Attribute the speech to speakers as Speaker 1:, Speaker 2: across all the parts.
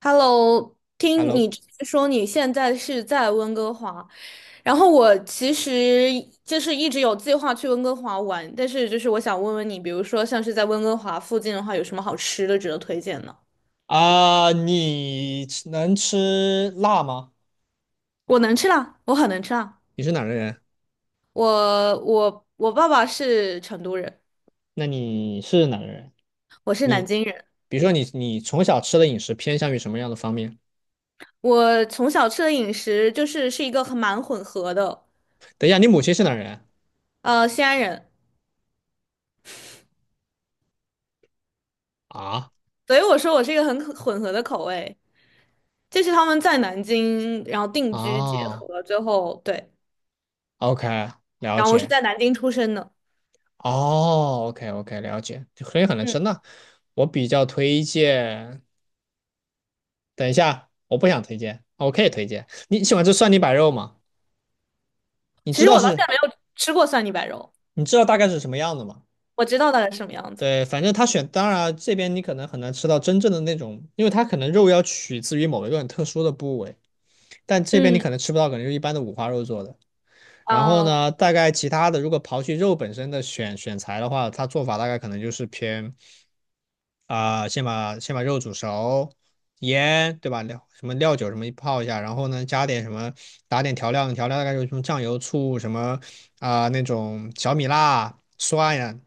Speaker 1: Hello，听你
Speaker 2: Hello，
Speaker 1: 之前说你现在是在温哥华，然后我其实就是一直有计划去温哥华玩，但是就是我想问问你，比如说像是在温哥华附近的话，有什么好吃的值得推荐呢？
Speaker 2: 啊，能吃辣吗？
Speaker 1: 我能吃辣，我很能吃辣。
Speaker 2: 你是哪儿的人？
Speaker 1: 我爸爸是成都人，
Speaker 2: 那你是哪的人？
Speaker 1: 我是
Speaker 2: 你
Speaker 1: 南京人，
Speaker 2: 比如说你从小吃的饮食偏向于什么样的方面？
Speaker 1: 我从小吃的饮食就是一个很蛮混合的，
Speaker 2: 等一下，你母亲是哪儿人？
Speaker 1: 西安人，
Speaker 2: 啊
Speaker 1: 所以我说我是一个很混合的口味。这是他们在南京，然后定居结
Speaker 2: 啊
Speaker 1: 合最后，对，
Speaker 2: ，OK，了
Speaker 1: 然后我是
Speaker 2: 解。
Speaker 1: 在南京出生的。
Speaker 2: 哦，OK OK，了解。所以很能
Speaker 1: 嗯，
Speaker 2: 吃。那我比较推荐，等一下，我不想推荐，我可以推荐。你喜欢吃蒜泥白肉吗？你
Speaker 1: 其
Speaker 2: 知
Speaker 1: 实
Speaker 2: 道
Speaker 1: 我到现
Speaker 2: 是，
Speaker 1: 在没有吃过蒜泥白肉，
Speaker 2: 你知道大概是什么样的吗？
Speaker 1: 我知道大概是什么样子。
Speaker 2: 对，反正当然这边你可能很难吃到真正的那种，因为它可能肉要取自于某一个很特殊的部位，但这边你
Speaker 1: 嗯，
Speaker 2: 可能吃不到，可能就一般的五花肉做的。然后
Speaker 1: 嗯
Speaker 2: 呢，大概其他的，如果刨去肉本身的选材的话，它做法大概可能就是先把肉煮熟，盐对吧？料什么料酒什么泡一下，然后呢加点什么，打点调料，调料大概就是什么酱油、醋什么那种小米辣、蒜呀，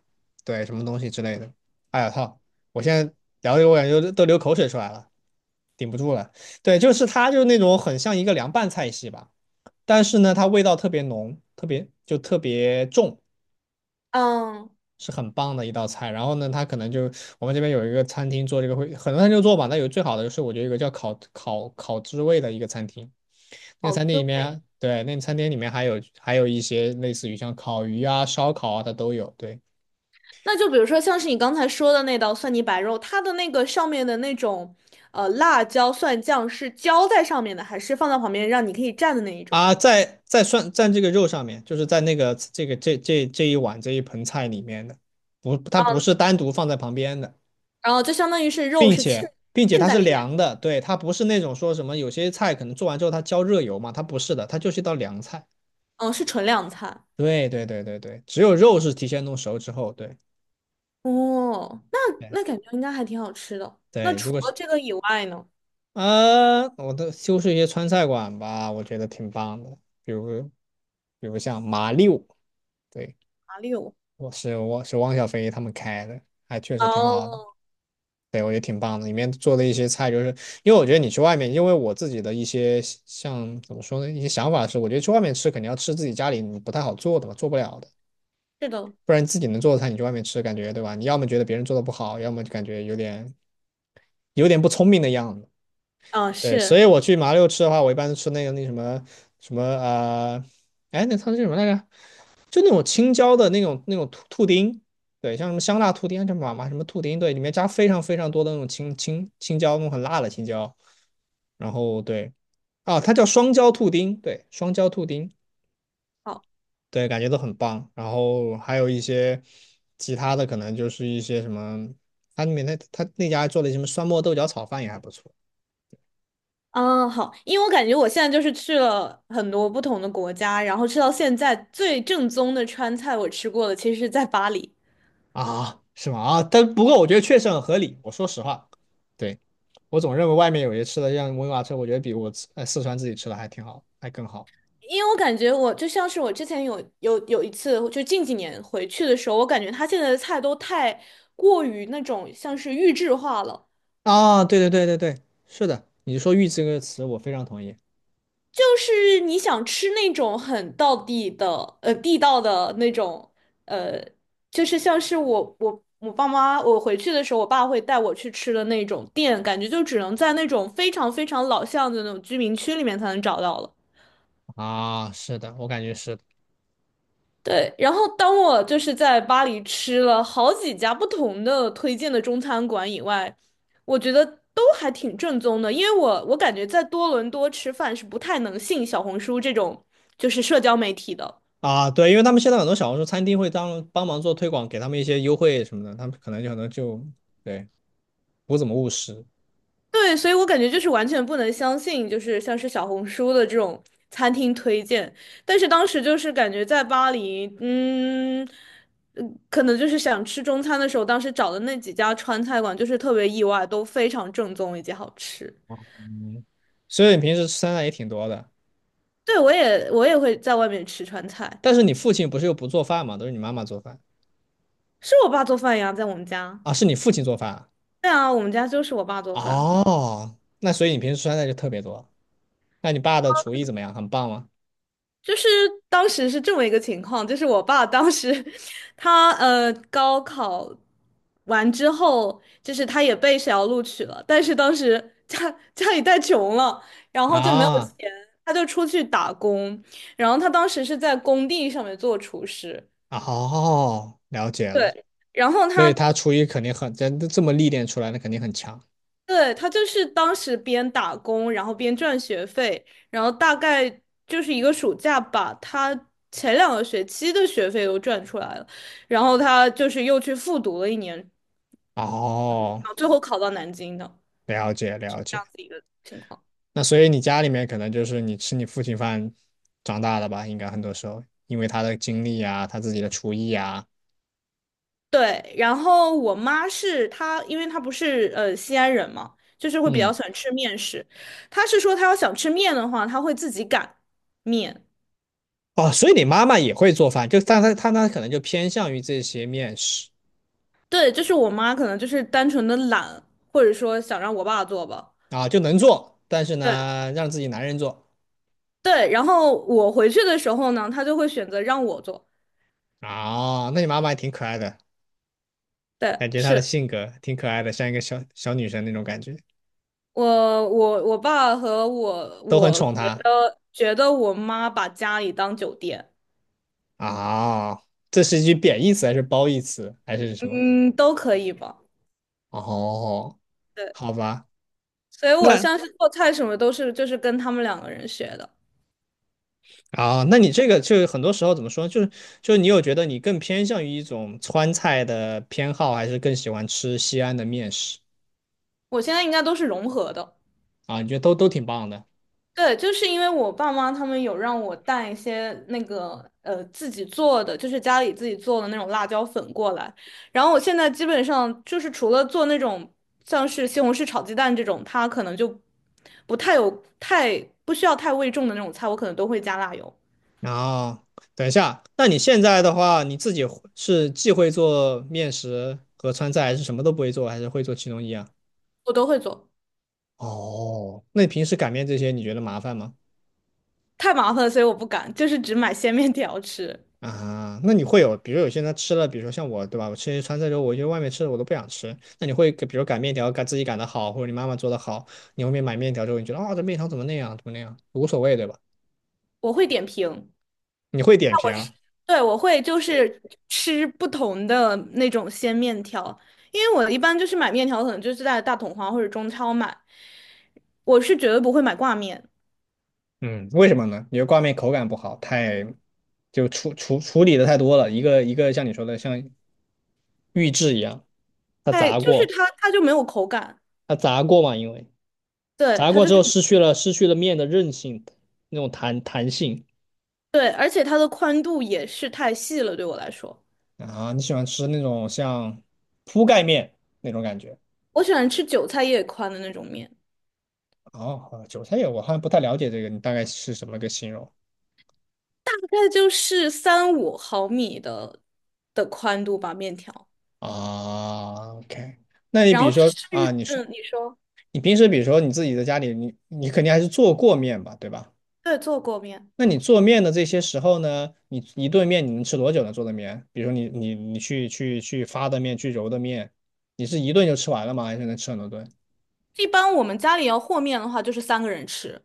Speaker 2: 对什么东西之类的。哎呀操！我现在聊的我感觉都流口水出来了，顶不住了。对，就是它就是那种很像一个凉拌菜系吧，但是呢它味道特别浓，特别重。
Speaker 1: 嗯，
Speaker 2: 是很棒的一道菜。然后呢，它可能就我们这边有一个餐厅做这个会，很多餐厅做吧。那有最好的就是我觉得有一个叫烤知味的一个餐厅，那个
Speaker 1: 好
Speaker 2: 餐厅
Speaker 1: 滋
Speaker 2: 里
Speaker 1: 味。
Speaker 2: 面，对，那个餐厅里面还有一些类似于像烤鱼啊、烧烤啊，它都有。对
Speaker 1: 那就比如说，像是你刚才说的那道蒜泥白肉，它的那个上面的那种辣椒蒜酱是浇在上面的，还是放在旁边让你可以蘸的那一种？
Speaker 2: 啊，涮在这个肉上面，就是在这一这一盆菜里面的，不，它不
Speaker 1: 嗯，
Speaker 2: 是单独放在旁边的。
Speaker 1: 然后就相当于是肉
Speaker 2: 并
Speaker 1: 是浸
Speaker 2: 且并且
Speaker 1: 浸
Speaker 2: 它
Speaker 1: 在
Speaker 2: 是
Speaker 1: 里面，
Speaker 2: 凉的，对，它不是那种说什么有些菜可能做完之后它浇热油嘛，它不是的，它就是一道凉菜。
Speaker 1: 嗯，是纯凉菜。
Speaker 2: 对对对对对，只有肉是提前弄熟之后，对
Speaker 1: 哦，那
Speaker 2: 对
Speaker 1: 那感觉应该还挺好吃的。那
Speaker 2: 对，如
Speaker 1: 除
Speaker 2: 果
Speaker 1: 了
Speaker 2: 是
Speaker 1: 这个以外呢？
Speaker 2: 啊，我都修饰一些川菜馆吧，我觉得挺棒的，比如比如像麻六，对，
Speaker 1: 哪里有？
Speaker 2: 我是汪小菲他们开的，还确实挺好的，
Speaker 1: 哦，
Speaker 2: 对我觉得挺棒的，里面做的一些菜就是，因为我觉得你去外面，因为我自己的一些像怎么说呢，一些想法是，我觉得去外面吃肯定要吃自己家里你不太好做的吧，做不了的。
Speaker 1: 是的，
Speaker 2: 不然自己能做的菜，你去外面吃，感觉对吧？你要么觉得别人做的不好，要么就感觉有点不聪明的样子。
Speaker 1: 啊，
Speaker 2: 对，
Speaker 1: 是，
Speaker 2: 所以我去麻六吃的话，我一般都吃那个那什么什么呃，哎，那它是什么来着？就那种青椒的那种兔丁，对，像什么香辣兔丁，叫麻什么兔丁，对，里面加非常非常多的那种青椒，那种很辣的青椒。然后对啊，它叫双椒兔丁，对，双椒兔丁，
Speaker 1: 好，
Speaker 2: 对，感觉都很棒。然后还有一些其他的，可能就是一些什么，它里面那它那家做的什么酸沫豆角炒饭也还不错。
Speaker 1: 啊，好，因为我感觉我现在就是去了很多不同的国家，然后吃到现在最正宗的川菜，我吃过的其实是在巴黎。
Speaker 2: 啊，是吗？啊，但不过我觉得确实很合理。我说实话，对，我总认为外面有些吃的像温瓦车，我觉得比四川自己吃的还挺好，还更好。
Speaker 1: 因为我感觉我就像是我之前有一次，就近几年回去的时候，我感觉他现在的菜都太过于那种像是预制化了。
Speaker 2: 啊，对对对对对，是的，你说"玉"这个词，我非常同意。
Speaker 1: 就是你想吃那种很道地的，地道的那种，呃，就是像是我爸妈，我回去的时候，我爸会带我去吃的那种店，感觉就只能在那种非常非常老巷子的那种居民区里面才能找到了。
Speaker 2: 啊，是的，我感觉是的
Speaker 1: 对，然后当我就是在巴黎吃了好几家不同的推荐的中餐馆以外，我觉得都还挺正宗的，因为我感觉在多伦多吃饭是不太能信小红书这种就是社交媒体的。
Speaker 2: 啊，对，因为他们现在很多小红书餐厅会当帮忙做推广，给他们一些优惠什么的，他们可能就对不怎么务实。
Speaker 1: 对，所以我感觉就是完全不能相信，就是像是小红书的这种餐厅推荐。但是当时就是感觉在巴黎，嗯，可能就是想吃中餐的时候，当时找的那几家川菜馆就是特别意外，都非常正宗以及好吃。
Speaker 2: 嗯，所以你平时吃酸菜也挺多的，
Speaker 1: 对，我也会在外面吃川菜，
Speaker 2: 但是你父亲不是又不做饭嘛，都是你妈妈做饭
Speaker 1: 是我爸做饭呀，在我们家。
Speaker 2: 啊？是你父亲做饭啊
Speaker 1: 对啊，我们家就是我爸做饭。
Speaker 2: 哦，那所以你平时酸的就特别多。那你爸的厨艺怎么样？很棒吗？
Speaker 1: 就是当时是这么一个情况，就是我爸当时 他高考完之后，就是他也被学校录取了，但是当时家里太穷了，然后就没有
Speaker 2: 啊，
Speaker 1: 钱，他就出去打工，然后他当时是在工地上面做厨师，
Speaker 2: 哦，了解了。
Speaker 1: 对，然后
Speaker 2: 所
Speaker 1: 他
Speaker 2: 以他厨艺肯定很，这这么历练出来的肯定很强。
Speaker 1: 对，他就是当时边打工，然后边赚学费，然后大概就是一个暑假吧，他前两个学期的学费都赚出来了，然后他就是又去复读了一年，然
Speaker 2: 哦，
Speaker 1: 后最后考到南京的
Speaker 2: 了解了
Speaker 1: 这
Speaker 2: 解。
Speaker 1: 样子一个情况。
Speaker 2: 那所以你家里面可能就是你吃你父亲饭长大的吧？应该很多时候，因为他的经历啊，他自己的厨艺啊，
Speaker 1: 对，然后我妈是她，因为她不是西安人嘛，就是会比较
Speaker 2: 嗯，
Speaker 1: 喜欢吃面食。她是说她要想吃面的话，她会自己擀面。
Speaker 2: 哦，所以你妈妈也会做饭，就但她可能就偏向于这些面食
Speaker 1: 对，就是我妈可能就是单纯的懒，或者说想让我爸做吧。
Speaker 2: 啊，就能做，但是
Speaker 1: 对。
Speaker 2: 呢，让自己男人做。
Speaker 1: 对，然后我回去的时候呢，他就会选择让我做。
Speaker 2: 啊，那你妈妈也挺可爱的，
Speaker 1: 对，
Speaker 2: 感觉她的
Speaker 1: 是
Speaker 2: 性格挺可爱的，像一个小小女生那种感觉，
Speaker 1: 我我爸和我，
Speaker 2: 都很
Speaker 1: 我
Speaker 2: 宠
Speaker 1: 觉
Speaker 2: 她
Speaker 1: 得觉得我妈把家里当酒店，
Speaker 2: 啊。这是一句贬义词还是褒义词还是什么？
Speaker 1: 嗯，都可以吧。
Speaker 2: 哦，
Speaker 1: 对，
Speaker 2: 好吧，
Speaker 1: 所以我
Speaker 2: 那
Speaker 1: 像是做菜什么都是就是跟他们两个人学的，
Speaker 2: 啊，那你这个就很多时候怎么说，就是就是你有觉得你更偏向于一种川菜的偏好，还是更喜欢吃西安的面食
Speaker 1: 我现在应该都是融合的。
Speaker 2: 啊？你觉得都挺棒的
Speaker 1: 对，就是因为我爸妈他们有让我带一些那个自己做的，就是家里自己做的那种辣椒粉过来。然后我现在基本上就是除了做那种像是西红柿炒鸡蛋这种，它可能就不太有太不需要太味重的那种菜，我可能都会加辣油，
Speaker 2: 然后，等一下，那你现在的话，你自己会是既会做面食和川菜，还是什么都不会做，还是会做其中一样？
Speaker 1: 我都会做。
Speaker 2: 哦，那你平时擀面这些，你觉得麻烦吗？
Speaker 1: 太麻烦了，所以我不敢，就是只买 鲜面条吃。
Speaker 2: 啊，那你会有，比如有些人他吃了，比如说像我，对吧？我吃一些川菜之后，我觉得外面吃的我都不想吃。那你会给比如擀面条，擀自己擀的好，或者你妈妈做的好，你后面买面条之后，你觉得啊、这面条怎么那样，怎么那样，无所谓，对吧？
Speaker 1: 我会点评。
Speaker 2: 你会点评，
Speaker 1: 对，我会就是吃不同的那种鲜面条，因为我一般就是买面条，可能就是在大统华或者中超买，我是绝对不会买挂面，
Speaker 2: 嗯，为什么呢？因为挂面口感不好，太就处理的太多了，一个一个像你说的像预制一样，它
Speaker 1: 太
Speaker 2: 炸
Speaker 1: 就是
Speaker 2: 过，
Speaker 1: 它就没有口感，
Speaker 2: 它炸过嘛，因为
Speaker 1: 对，
Speaker 2: 炸
Speaker 1: 它
Speaker 2: 过
Speaker 1: 就
Speaker 2: 之
Speaker 1: 是
Speaker 2: 后失去了面的韧性，那种弹性
Speaker 1: 对，而且它的宽度也是太细了，对我来说，
Speaker 2: 啊。你喜欢吃那种像铺盖面那种感觉？
Speaker 1: 我喜欢吃韭菜叶宽的那种面，
Speaker 2: 哦，韭菜叶我好像不太了解这个，你大概是什么个形容
Speaker 1: 大概就是三五毫米的宽度吧，面条，
Speaker 2: 啊？OK,那你
Speaker 1: 然
Speaker 2: 比如
Speaker 1: 后
Speaker 2: 说
Speaker 1: 吃，
Speaker 2: 啊，你说
Speaker 1: 嗯，你说，
Speaker 2: 你平时比如说你自己在家里，你你肯定还是做过面吧，对吧？
Speaker 1: 对，做过面，
Speaker 2: 那你做面的这些时候呢，你一顿面你能吃多久呢？做的面，比如说你你你去发的面，去揉的面，你是一顿就吃完了吗？还是能吃很多顿？
Speaker 1: 一般我们家里要和面的话，就是三个人吃。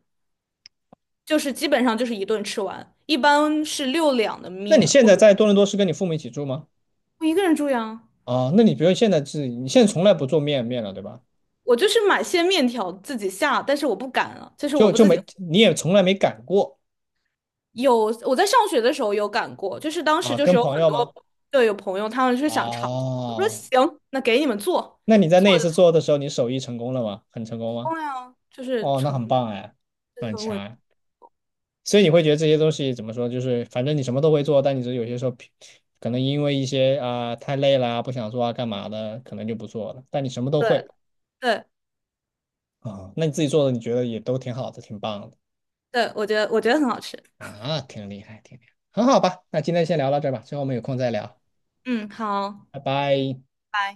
Speaker 1: 就是基本上就是一顿吃完，一般是6两的
Speaker 2: 那你
Speaker 1: 面，
Speaker 2: 现
Speaker 1: 或
Speaker 2: 在
Speaker 1: 者
Speaker 2: 在多伦多是跟你父母一起住吗？
Speaker 1: 我一个人住呀。
Speaker 2: 啊，那你比如现在是你现在从来不做面了，对吧？
Speaker 1: 我就是买些面条自己下，但是我不敢了，就是我
Speaker 2: 就
Speaker 1: 不
Speaker 2: 就
Speaker 1: 自己
Speaker 2: 没你也从来没擀过
Speaker 1: 有。我在上学的时候有擀过，就是当时
Speaker 2: 啊？
Speaker 1: 就是
Speaker 2: 跟
Speaker 1: 有
Speaker 2: 朋
Speaker 1: 很
Speaker 2: 友吗？
Speaker 1: 多对有朋友他们是想尝尝，我说
Speaker 2: 啊，
Speaker 1: 行，那给你们做，
Speaker 2: 那你在那一
Speaker 1: 做的
Speaker 2: 次做的时候，你手艺成功了吗？很成功吗？
Speaker 1: 重呀就是
Speaker 2: 哦，那
Speaker 1: 成就
Speaker 2: 很棒哎，那
Speaker 1: 是
Speaker 2: 很
Speaker 1: 很
Speaker 2: 强
Speaker 1: 稳，
Speaker 2: 哎。所以你会觉得这些东西怎么说，就是反正你什么都会做，但你只是有些时候可能因为一些太累啦，不想做啊干嘛的，可能就不做了。但你什么都
Speaker 1: 对
Speaker 2: 会
Speaker 1: 对
Speaker 2: 那你自己做的你觉得也都挺好的，挺棒的
Speaker 1: 对，我觉得我觉得很好吃，
Speaker 2: 啊，挺厉害，挺厉害，很好吧？那今天先聊到这儿吧，之后我们有空再聊，
Speaker 1: 嗯，好。
Speaker 2: 拜拜。
Speaker 1: 拜。